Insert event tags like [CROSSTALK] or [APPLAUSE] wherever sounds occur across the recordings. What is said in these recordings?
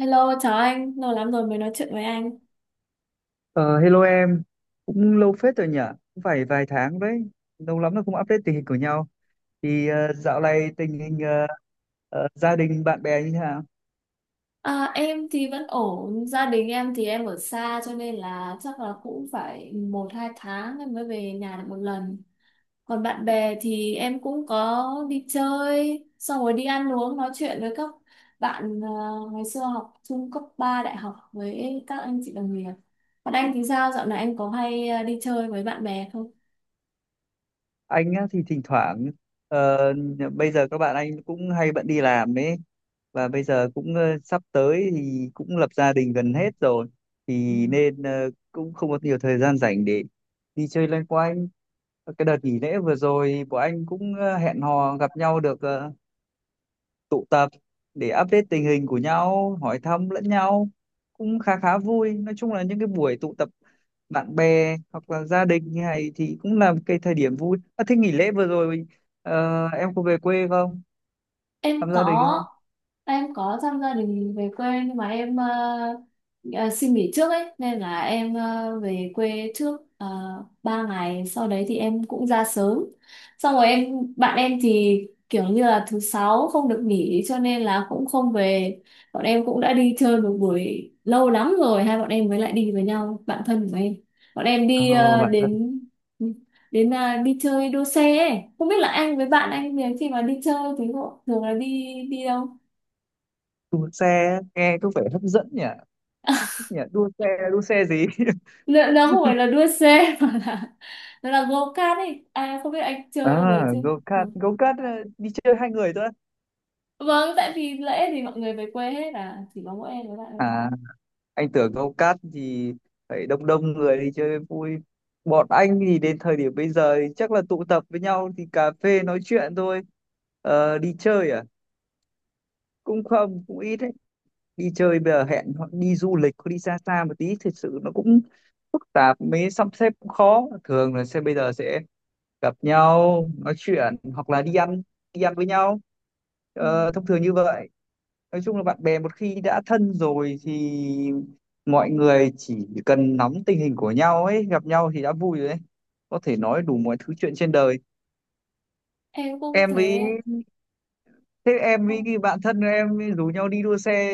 Hello, chào anh, lâu lắm rồi mới nói chuyện với anh. Ờ, Hello em, cũng lâu phết rồi nhỉ, cũng phải vài tháng đấy, lâu lắm rồi không update tình hình của nhau. Thì dạo này tình hình gia đình, bạn bè như thế nào? À, em thì vẫn ổn, gia đình em thì em ở xa cho nên là chắc là cũng phải một hai tháng em mới về nhà được một lần. Còn bạn bè thì em cũng có đi chơi, xong rồi đi ăn uống nói chuyện với các bạn ngày xưa học chung cấp 3 đại học với các anh chị đồng nghiệp. Còn anh thì sao, dạo này anh có hay đi chơi với bạn bè không? Anh á, thì thỉnh thoảng, ờ, bây giờ các bạn anh cũng hay bận đi làm đấy, và bây giờ cũng sắp tới thì cũng lập gia đình gần hết rồi, thì nên cũng không có nhiều thời gian rảnh để đi chơi loanh quanh. Cái đợt nghỉ lễ vừa rồi của anh cũng hẹn hò gặp nhau được tụ tập để update tình hình của nhau, hỏi thăm lẫn nhau cũng khá khá vui. Nói chung là những cái buổi tụ tập bạn bè hoặc là gia đình như này thì cũng là một cái thời điểm vui. À, thế nghỉ lễ vừa rồi em có về quê không? Thăm Em gia đình có. không? Em có thăm gia đình về quê, nhưng mà em ờ, xin nghỉ trước ấy, nên là em về quê trước 3 ngày. Sau đấy thì em cũng ra sớm, xong rồi em, bạn em thì kiểu như là thứ sáu không được nghỉ cho nên là cũng không về. Bọn em cũng đã đi chơi một buổi, lâu lắm rồi hai bọn em mới lại đi với nhau, bạn thân của em. Bọn em Ờ, đi ờ, bạn thân đến đến là đi chơi đua xe ấy. Không biết là anh với bạn anh thì khi mà đi chơi thì họ thường là đi đi đâu? đua xe nghe có vẻ hấp dẫn nhỉ? nhỉ? Đua xe, đua xe gì? [LAUGHS] Lựa, nó không phải là đua xe [LAUGHS] mà là nó là go kart ấy, à không biết anh chơi rồi À, chứ. go Ừ. kart, go kart, đi chơi hai người thôi. Vâng, tại vì lễ thì mọi người về quê hết à, chỉ có mỗi em với bạn em. À, anh tưởng câu cát thì phải đông đông người đi chơi vui. Bọn anh thì đến thời điểm bây giờ thì chắc là tụ tập với nhau thì cà phê nói chuyện thôi, đi chơi à cũng không cũng ít đấy. Đi chơi bây giờ hẹn họ đi du lịch có đi xa xa một tí thật sự nó cũng phức tạp, mới sắp xếp cũng khó, thường là sẽ bây giờ sẽ gặp nhau nói chuyện hoặc là đi ăn với nhau, Ừ. Thông thường như vậy. Nói chung là bạn bè một khi đã thân rồi thì mọi người chỉ cần nắm tình hình của nhau ấy, gặp nhau thì đã vui rồi đấy, có thể nói đủ mọi thứ chuyện trên đời. Em cũng Em với thế. Thế em Ồ, với cái bạn thân của em rủ nhau đi đua xe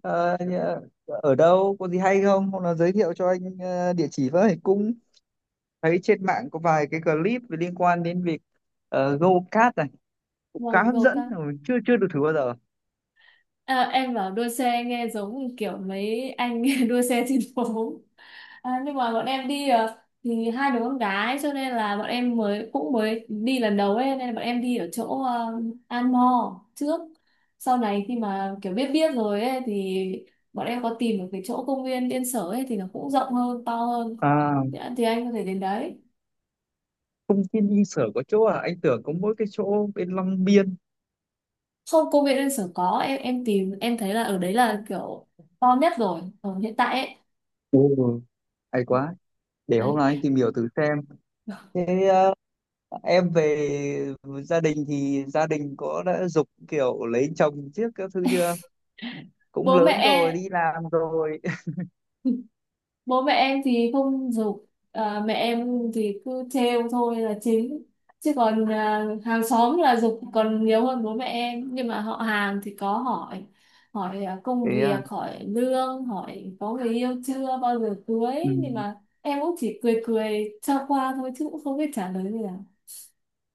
ờ, nhà- ở đâu có gì hay không, hoặc là giới thiệu cho anh địa chỉ với, cũng thấy trên mạng có vài cái clip liên quan đến việc go kart này cũng khá vâng, hấp go dẫn kart. mà mình chưa chưa được thử bao giờ. À, em bảo đua xe nghe giống kiểu mấy anh [LAUGHS] đua xe trên phố. À, nhưng mà bọn em đi, thì hai đứa con gái cho nên là bọn em mới, cũng mới đi lần đầu ấy, nên là bọn em đi ở chỗ An Mo trước. Sau này khi mà kiểu biết biết rồi ấy thì bọn em có tìm được cái chỗ công viên Yên Sở ấy, thì nó cũng rộng hơn, to hơn, À, thì anh có thể đến đấy. công viên đi sở có chỗ à, anh tưởng có mỗi cái chỗ bên Long Biên. Không, công viên Yên Sở có, em tìm em thấy là ở đấy là kiểu to nhất rồi ở hiện tại ấy. Ừ, hay quá, để hôm Đấy. nay anh tìm hiểu thử xem. Thế em về gia đình thì gia đình có đã giục kiểu lấy chồng trước các thứ chưa, cũng Bố lớn rồi mẹ. đi làm rồi. [LAUGHS] Bố mẹ em thì không giục. À, mẹ em thì cứ trêu thôi là chính, chứ còn à, hàng xóm là giục còn nhiều hơn bố mẹ em. Nhưng mà họ hàng thì có hỏi, hỏi [LAUGHS] công Thế à. việc, hỏi lương, hỏi có người yêu chưa, bao giờ cưới. Nhưng Ừ, mà em cũng chỉ cười cười cho qua thôi, chứ cũng không biết trả lời gì cả.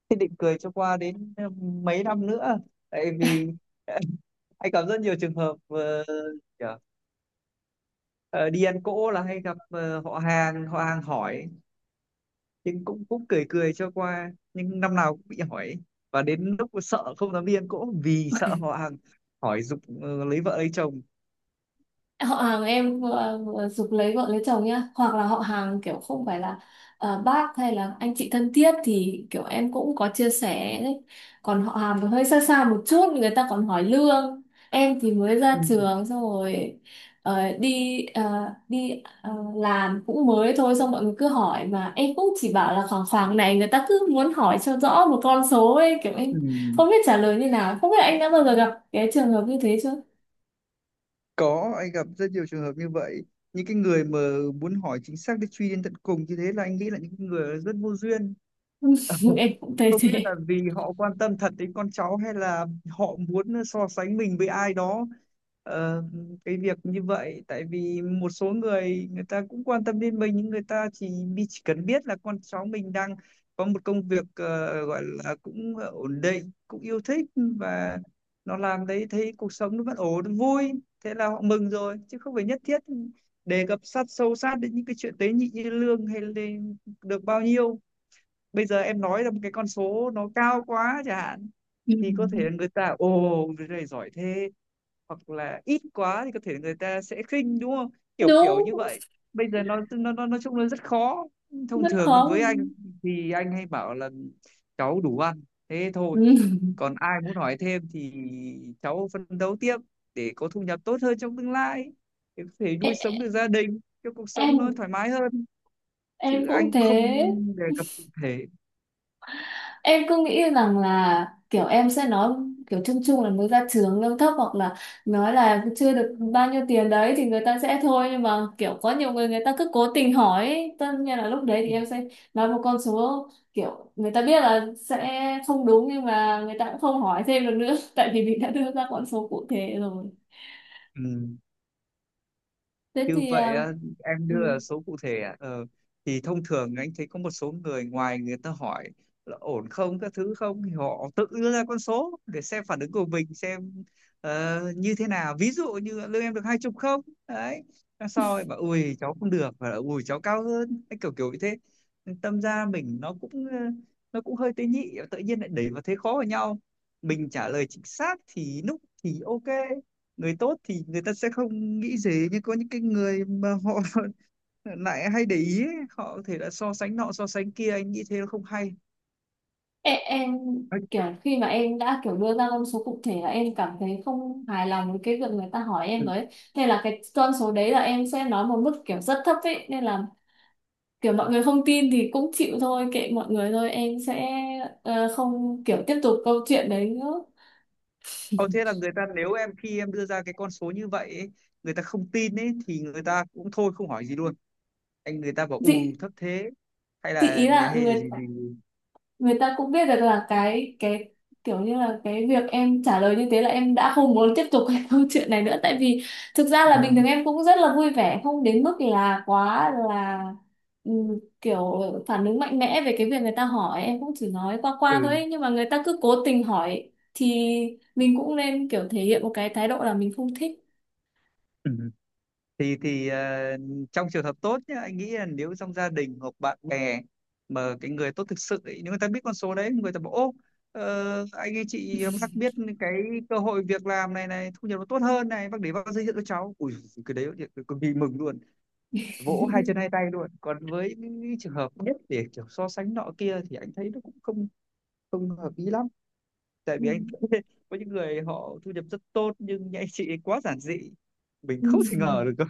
thế định cười cho qua đến mấy năm nữa, tại vì [LAUGHS] anh gặp rất nhiều trường hợp kiểu, ờ, đi ăn cỗ là hay gặp họ hàng hỏi, nhưng cũng cũng cười cười cho qua nhưng năm nào cũng bị hỏi, và đến lúc sợ không dám viên cũng vì sợ họ hàng hỏi giục lấy vợ lấy chồng. Họ hàng em giục lấy vợ lấy chồng nhá. Hoặc là họ hàng kiểu không phải là bác hay là anh chị thân thiết thì kiểu em cũng có chia sẻ đấy. Còn họ hàng thì hơi xa xa một chút người ta còn hỏi lương. Em thì mới Ừ. ra trường xong rồi ờ, đi ờ, đi làm cũng mới thôi, xong mọi người cứ hỏi mà em cũng chỉ bảo là khoảng khoảng này. Người ta cứ muốn hỏi cho rõ một con số ấy, kiểu em Ừ, không biết trả lời như nào. Không biết anh đã bao giờ gặp cái trường hợp như thế chưa. có anh gặp rất nhiều trường hợp như vậy, những cái người mà muốn hỏi chính xác để truy đến tận cùng như thế là anh nghĩ là những người rất vô duyên. [LAUGHS] [LAUGHS] Em cũng thấy Không biết là thế. vì họ quan tâm thật đến con cháu hay là họ muốn so sánh mình với ai đó, ờ, cái việc như vậy. Tại vì một số người, người ta cũng quan tâm đến mình nhưng người ta chỉ cần biết là con cháu mình đang có một công việc gọi là cũng ổn định cũng yêu thích, và nó làm đấy thấy cuộc sống nó vẫn ổn vui, thế là họ mừng rồi, chứ không phải nhất thiết đề cập sâu sát đến những cái chuyện tế nhị như lương hay lên được bao nhiêu. Bây giờ em nói ra một cái con số nó cao quá chẳng hạn Ừ. thì có thể là người ta ồ, người này giỏi thế, hoặc là ít quá thì có thể là người ta sẽ khinh đúng không, kiểu kiểu Đúng. như vậy. Bây giờ nó nói chung là rất khó. Thông Rất thường khó. với anh thì anh hay bảo là cháu đủ ăn, thế thôi, Ừ. còn ai muốn hỏi thêm thì cháu phấn đấu tiếp để có thu nhập tốt hơn trong tương lai, để có thể nuôi em sống được gia đình cho cuộc sống nó em thoải mái hơn, chứ em cũng anh thế. không đề cập cụ thể. Em cứ nghĩ rằng là kiểu em sẽ nói kiểu chung chung là mới ra trường lương thấp, hoặc là nói là chưa được bao nhiêu tiền đấy, thì người ta sẽ thôi. Nhưng mà kiểu có nhiều người, người ta cứ cố tình hỏi ấy. Tất nhiên là lúc đấy thì em sẽ nói một con số kiểu người ta biết là sẽ không đúng, nhưng mà người ta cũng không hỏi thêm được nữa [LAUGHS] tại vì mình đã đưa ra con số cụ thể rồi. Ừ. thế Như thì à, vậy á, em ừ. đưa là số cụ thể à? Ờ, thì thông thường anh thấy có một số người ngoài người ta hỏi là ổn không các thứ không, thì họ tự đưa ra con số để xem phản ứng của mình xem như thế nào, ví dụ như lương em được 20 không, đấy, xong sau rồi bảo ui cháu không được và ui cháu cao hơn. Đấy, kiểu kiểu như thế, tâm ra mình nó cũng nó cũng hơi tế nhị, tự nhiên lại đẩy vào thế khó vào nhau. Mình trả lời chính xác thì lúc thì ok, người tốt thì người ta sẽ không nghĩ gì, nhưng có những cái người mà họ [LAUGHS] lại hay để ý ấy, họ có thể là so sánh nọ so sánh kia, anh nghĩ thế nó không hay. Ê, em Đấy. kiểu khi mà em đã kiểu đưa ra con số cụ thể là em cảm thấy không hài lòng với cái việc người ta hỏi Ừ. em đấy. Nên là cái con số đấy là em sẽ nói một mức kiểu rất thấp ấy, nên là kiểu mọi người không tin thì cũng chịu thôi, kệ mọi người thôi. Em sẽ không kiểu tiếp tục câu chuyện đấy nữa. [LAUGHS] Ờ, thế là người ta, nếu em khi em đưa ra cái con số như vậy ấy, người ta không tin ấy thì người ta cũng thôi không hỏi gì luôn, anh người ta bảo chị ù thấp thế chị ý là hay là người, gì. người ta cũng biết được là cái kiểu như là cái việc em trả lời như thế là em đã không muốn tiếp tục cái [LAUGHS] câu chuyện này nữa. Tại vì thực ra là À, bình thường em cũng rất là vui vẻ, không đến mức là quá là kiểu phản ứng mạnh mẽ về cái việc người ta hỏi. Em cũng chỉ nói qua qua thôi ừ. ấy, nhưng mà người ta cứ cố tình hỏi thì mình cũng nên kiểu thể hiện một cái thái độ là mình không thích. Ừ. Thì trong trường hợp tốt nhá, anh nghĩ là nếu trong gia đình hoặc bạn bè mà cái người tốt thực sự ấy, nếu người ta biết con số đấy người ta bảo ô, anh ấy chị bác biết cái cơ hội việc làm này này thu nhập nó tốt hơn này, bác để bác giới thiệu cho cháu ui, cái đấy thì cực kỳ mừng luôn, vỗ hai chân hai tay luôn. Còn với những trường hợp biết để kiểu so sánh nọ kia thì anh thấy nó cũng không không hợp lý lắm, tại vì anh [LAUGHS] có những người họ thu nhập rất tốt nhưng những anh chị ấy quá giản dị, mình Ừm. không thể ngờ được [LAUGHS] cơ.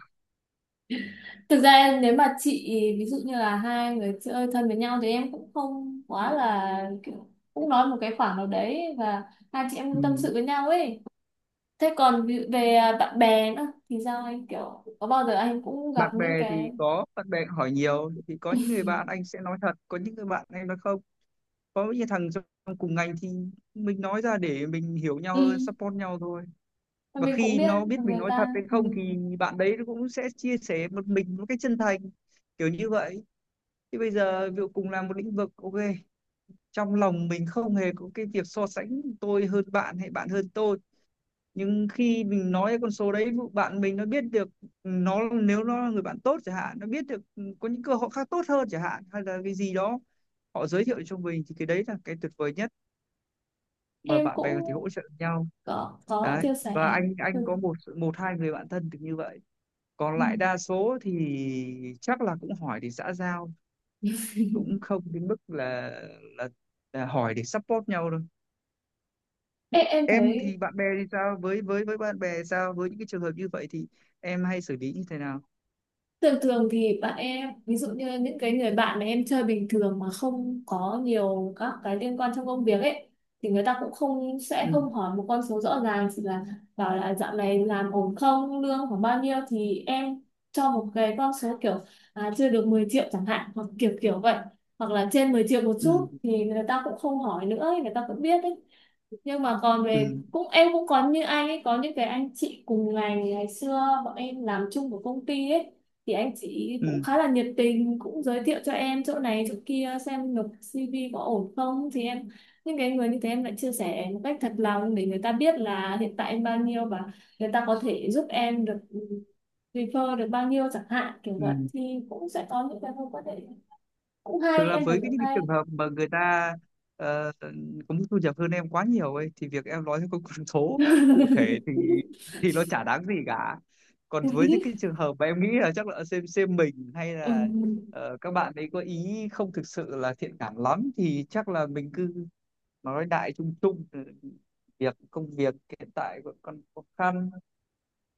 Thực ra nếu mà chị, ví dụ như là hai người chơi thân với nhau thì em cũng không quá là kiểu, cũng nói một cái khoảng nào đấy, và hai chị em cũng tâm Ừ. sự với nhau ấy. Thế còn ví dụ về bạn bè nữa thì sao, anh kiểu có bao giờ anh cũng gặp Bạn bè những thì cái, có bạn bè hỏi nhiều, thì có những người bạn anh sẽ nói thật, có những người bạn em nói không, có những thằng trong cùng ngành thì mình nói ra để mình hiểu nhau ừ, hơn, support nhau thôi. mà Và mình cũng khi biết nó biết là mình người nói thật ta. hay Ừ. không thì bạn đấy nó cũng sẽ chia sẻ một mình một cách chân thành, kiểu như vậy. Thì bây giờ ví dụ cùng làm một lĩnh vực, ok, trong lòng mình không hề có cái việc so sánh tôi hơn bạn hay bạn hơn tôi, nhưng khi mình nói con số đấy bạn mình nó biết được, nó nếu nó là người bạn tốt chẳng hạn, nó biết được có những cơ hội khác tốt hơn chẳng hạn hay là cái gì đó, họ giới thiệu cho mình thì cái đấy là cái tuyệt vời nhất mà Em bạn bè cũng có thể hỗ trợ nhau. có Đấy, chia và sẻ. anh có Ừ. một một hai người bạn thân được như vậy, còn lại đa số thì chắc là cũng hỏi để xã giao, cũng không đến mức là là, là hỏi để support nhau đâu. Em Em thấy. thì bạn bè thì sao, với bạn bè sao với những cái trường hợp như vậy thì em hay xử lý như thế nào? Thường thường thì bạn em, ví dụ như những cái người bạn mà em chơi bình thường mà không có nhiều các cái liên quan trong công việc ấy, thì người ta cũng không, sẽ Ừ, không hỏi một con số rõ ràng, chỉ là bảo là dạo này làm ổn không, lương khoảng bao nhiêu, thì em cho một cái con số kiểu à, chưa được 10 triệu chẳng hạn, hoặc kiểu kiểu vậy, hoặc là trên 10 triệu một chút, ừ, thì người ta cũng không hỏi nữa ấy, người ta cũng biết ấy. Nhưng mà còn ừ, về, cũng em cũng có như anh ấy, có những cái anh chị cùng ngành ngày xưa bọn em làm chung của công ty ấy, thì anh chị cũng ừ, khá là nhiệt tình, cũng giới thiệu cho em chỗ này chỗ kia xem nộp CV có ổn không, thì em những cái người như thế em lại chia sẻ một cách thật lòng, để người ta biết là hiện tại em bao nhiêu, và người ta có thể giúp em được refer được bao nhiêu chẳng hạn, kiểu vậy ừ, thì cũng sẽ có những cái mối quan hệ cũng thực hay, ra em thấy với cái cũng những cái hay. trường hợp mà người ta ờ, có mức thu nhập hơn em quá nhiều ấy, thì việc em nói theo con số cụ thể thì [LAUGHS] nó chả đáng gì cả. Còn với những cái trường hợp mà em nghĩ là chắc là xem mình hay Ừ. là các bạn ấy có ý không thực sự là thiện cảm lắm thì chắc là mình cứ nói đại chung chung, việc công việc hiện tại vẫn còn khó khăn,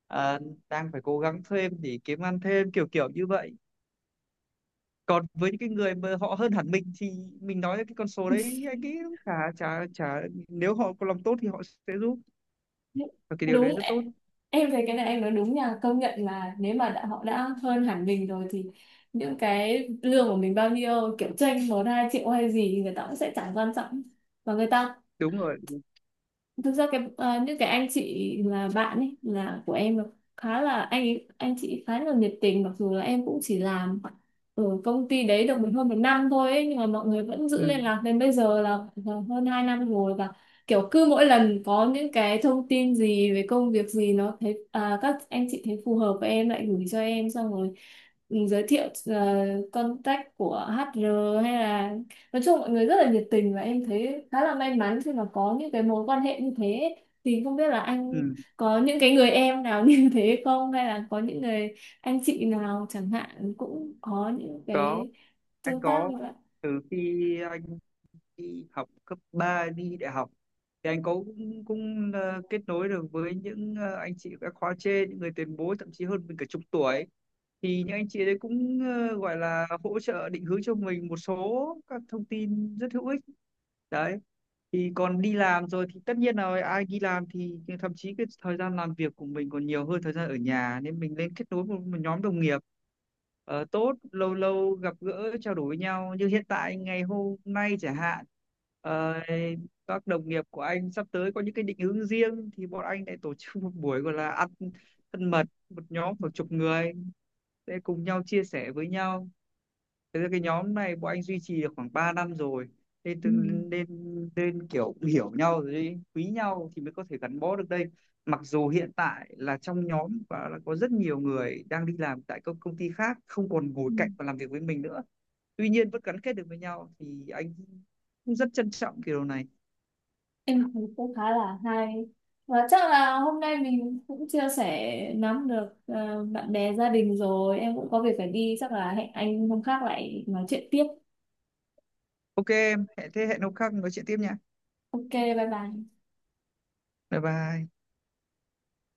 à, đang phải cố gắng thêm để kiếm ăn thêm, kiểu kiểu như vậy. Còn với những cái người mà họ hơn hẳn mình thì mình nói cái con số đấy anh nghĩ cũng chả chả chả nếu họ có lòng tốt thì họ sẽ giúp, và cái điều đấy Đúng. rất tốt. Em thấy cái này em nói đúng nha, công nhận là nếu mà đã, họ đã hơn hẳn mình rồi thì những cái lương của mình bao nhiêu, kiểu chênh một hai triệu hay gì thì người ta cũng sẽ chẳng quan trọng, và người ta. Đúng rồi. Thực ra cái những cái anh chị là bạn ấy là của em là khá là anh chị khá là nhiệt tình, mặc dù là em cũng chỉ làm ở công ty đấy được hơn một năm thôi ấy, nhưng mà mọi người vẫn giữ Ừ, liên lạc đến bây giờ là hơn hai năm rồi. Và kiểu cứ mỗi lần có những cái thông tin gì về công việc gì, nó thấy à, các anh chị thấy phù hợp với em lại gửi cho em, xong rồi giới thiệu contact của HR hay là, nói chung mọi người rất là nhiệt tình, và em thấy khá là may mắn khi mà có những cái mối quan hệ như thế. Thì không biết là anh ừ. có những cái người em nào [LAUGHS] như thế không, hay là có những người anh chị nào chẳng hạn cũng có những Có, cái anh tương tác có như vậy. từ khi anh đi học cấp 3 đi đại học thì anh có cũng kết nối được với những anh chị các khóa trên, những người tiền bối thậm chí hơn mình cả chục tuổi, thì những anh chị đấy cũng gọi là hỗ trợ định hướng cho mình một số các thông tin rất hữu ích, đấy. Thì còn đi làm rồi thì tất nhiên là ai đi làm thì thậm chí cái thời gian làm việc của mình còn nhiều hơn thời gian ở nhà, nên mình nên kết nối một nhóm đồng nghiệp tốt, lâu lâu gặp gỡ trao đổi với nhau như hiện tại ngày hôm nay chẳng hạn. Ờ, các đồng nghiệp của anh sắp tới có những cái định hướng riêng thì bọn anh lại tổ chức một buổi gọi là ăn thân mật, một nhóm khoảng chục người sẽ cùng nhau chia sẻ với nhau. Thế ra cái nhóm này bọn anh duy trì được khoảng 3 năm rồi, nên tự- Ừ. nên nên kiểu hiểu nhau rồi ấy, quý nhau thì mới có thể gắn bó được đây. Mặc dù hiện tại là trong nhóm và là có rất nhiều người đang đi làm tại các công ty khác, không còn Ừ. ngồi cạnh và làm việc với mình nữa, tuy nhiên vẫn gắn kết được với nhau, thì anh cũng rất trân trọng cái điều này. Em thấy cũng khá là hay, và chắc là hôm nay mình cũng chia sẻ nắm được ờ, bạn bè gia đình rồi, em cũng có việc phải đi, chắc là hẹn anh hôm khác lại nói chuyện tiếp. Ok em hẹn, thế hẹn hôm khác nói chuyện tiếp nha. OK, bye bye. Bye bye.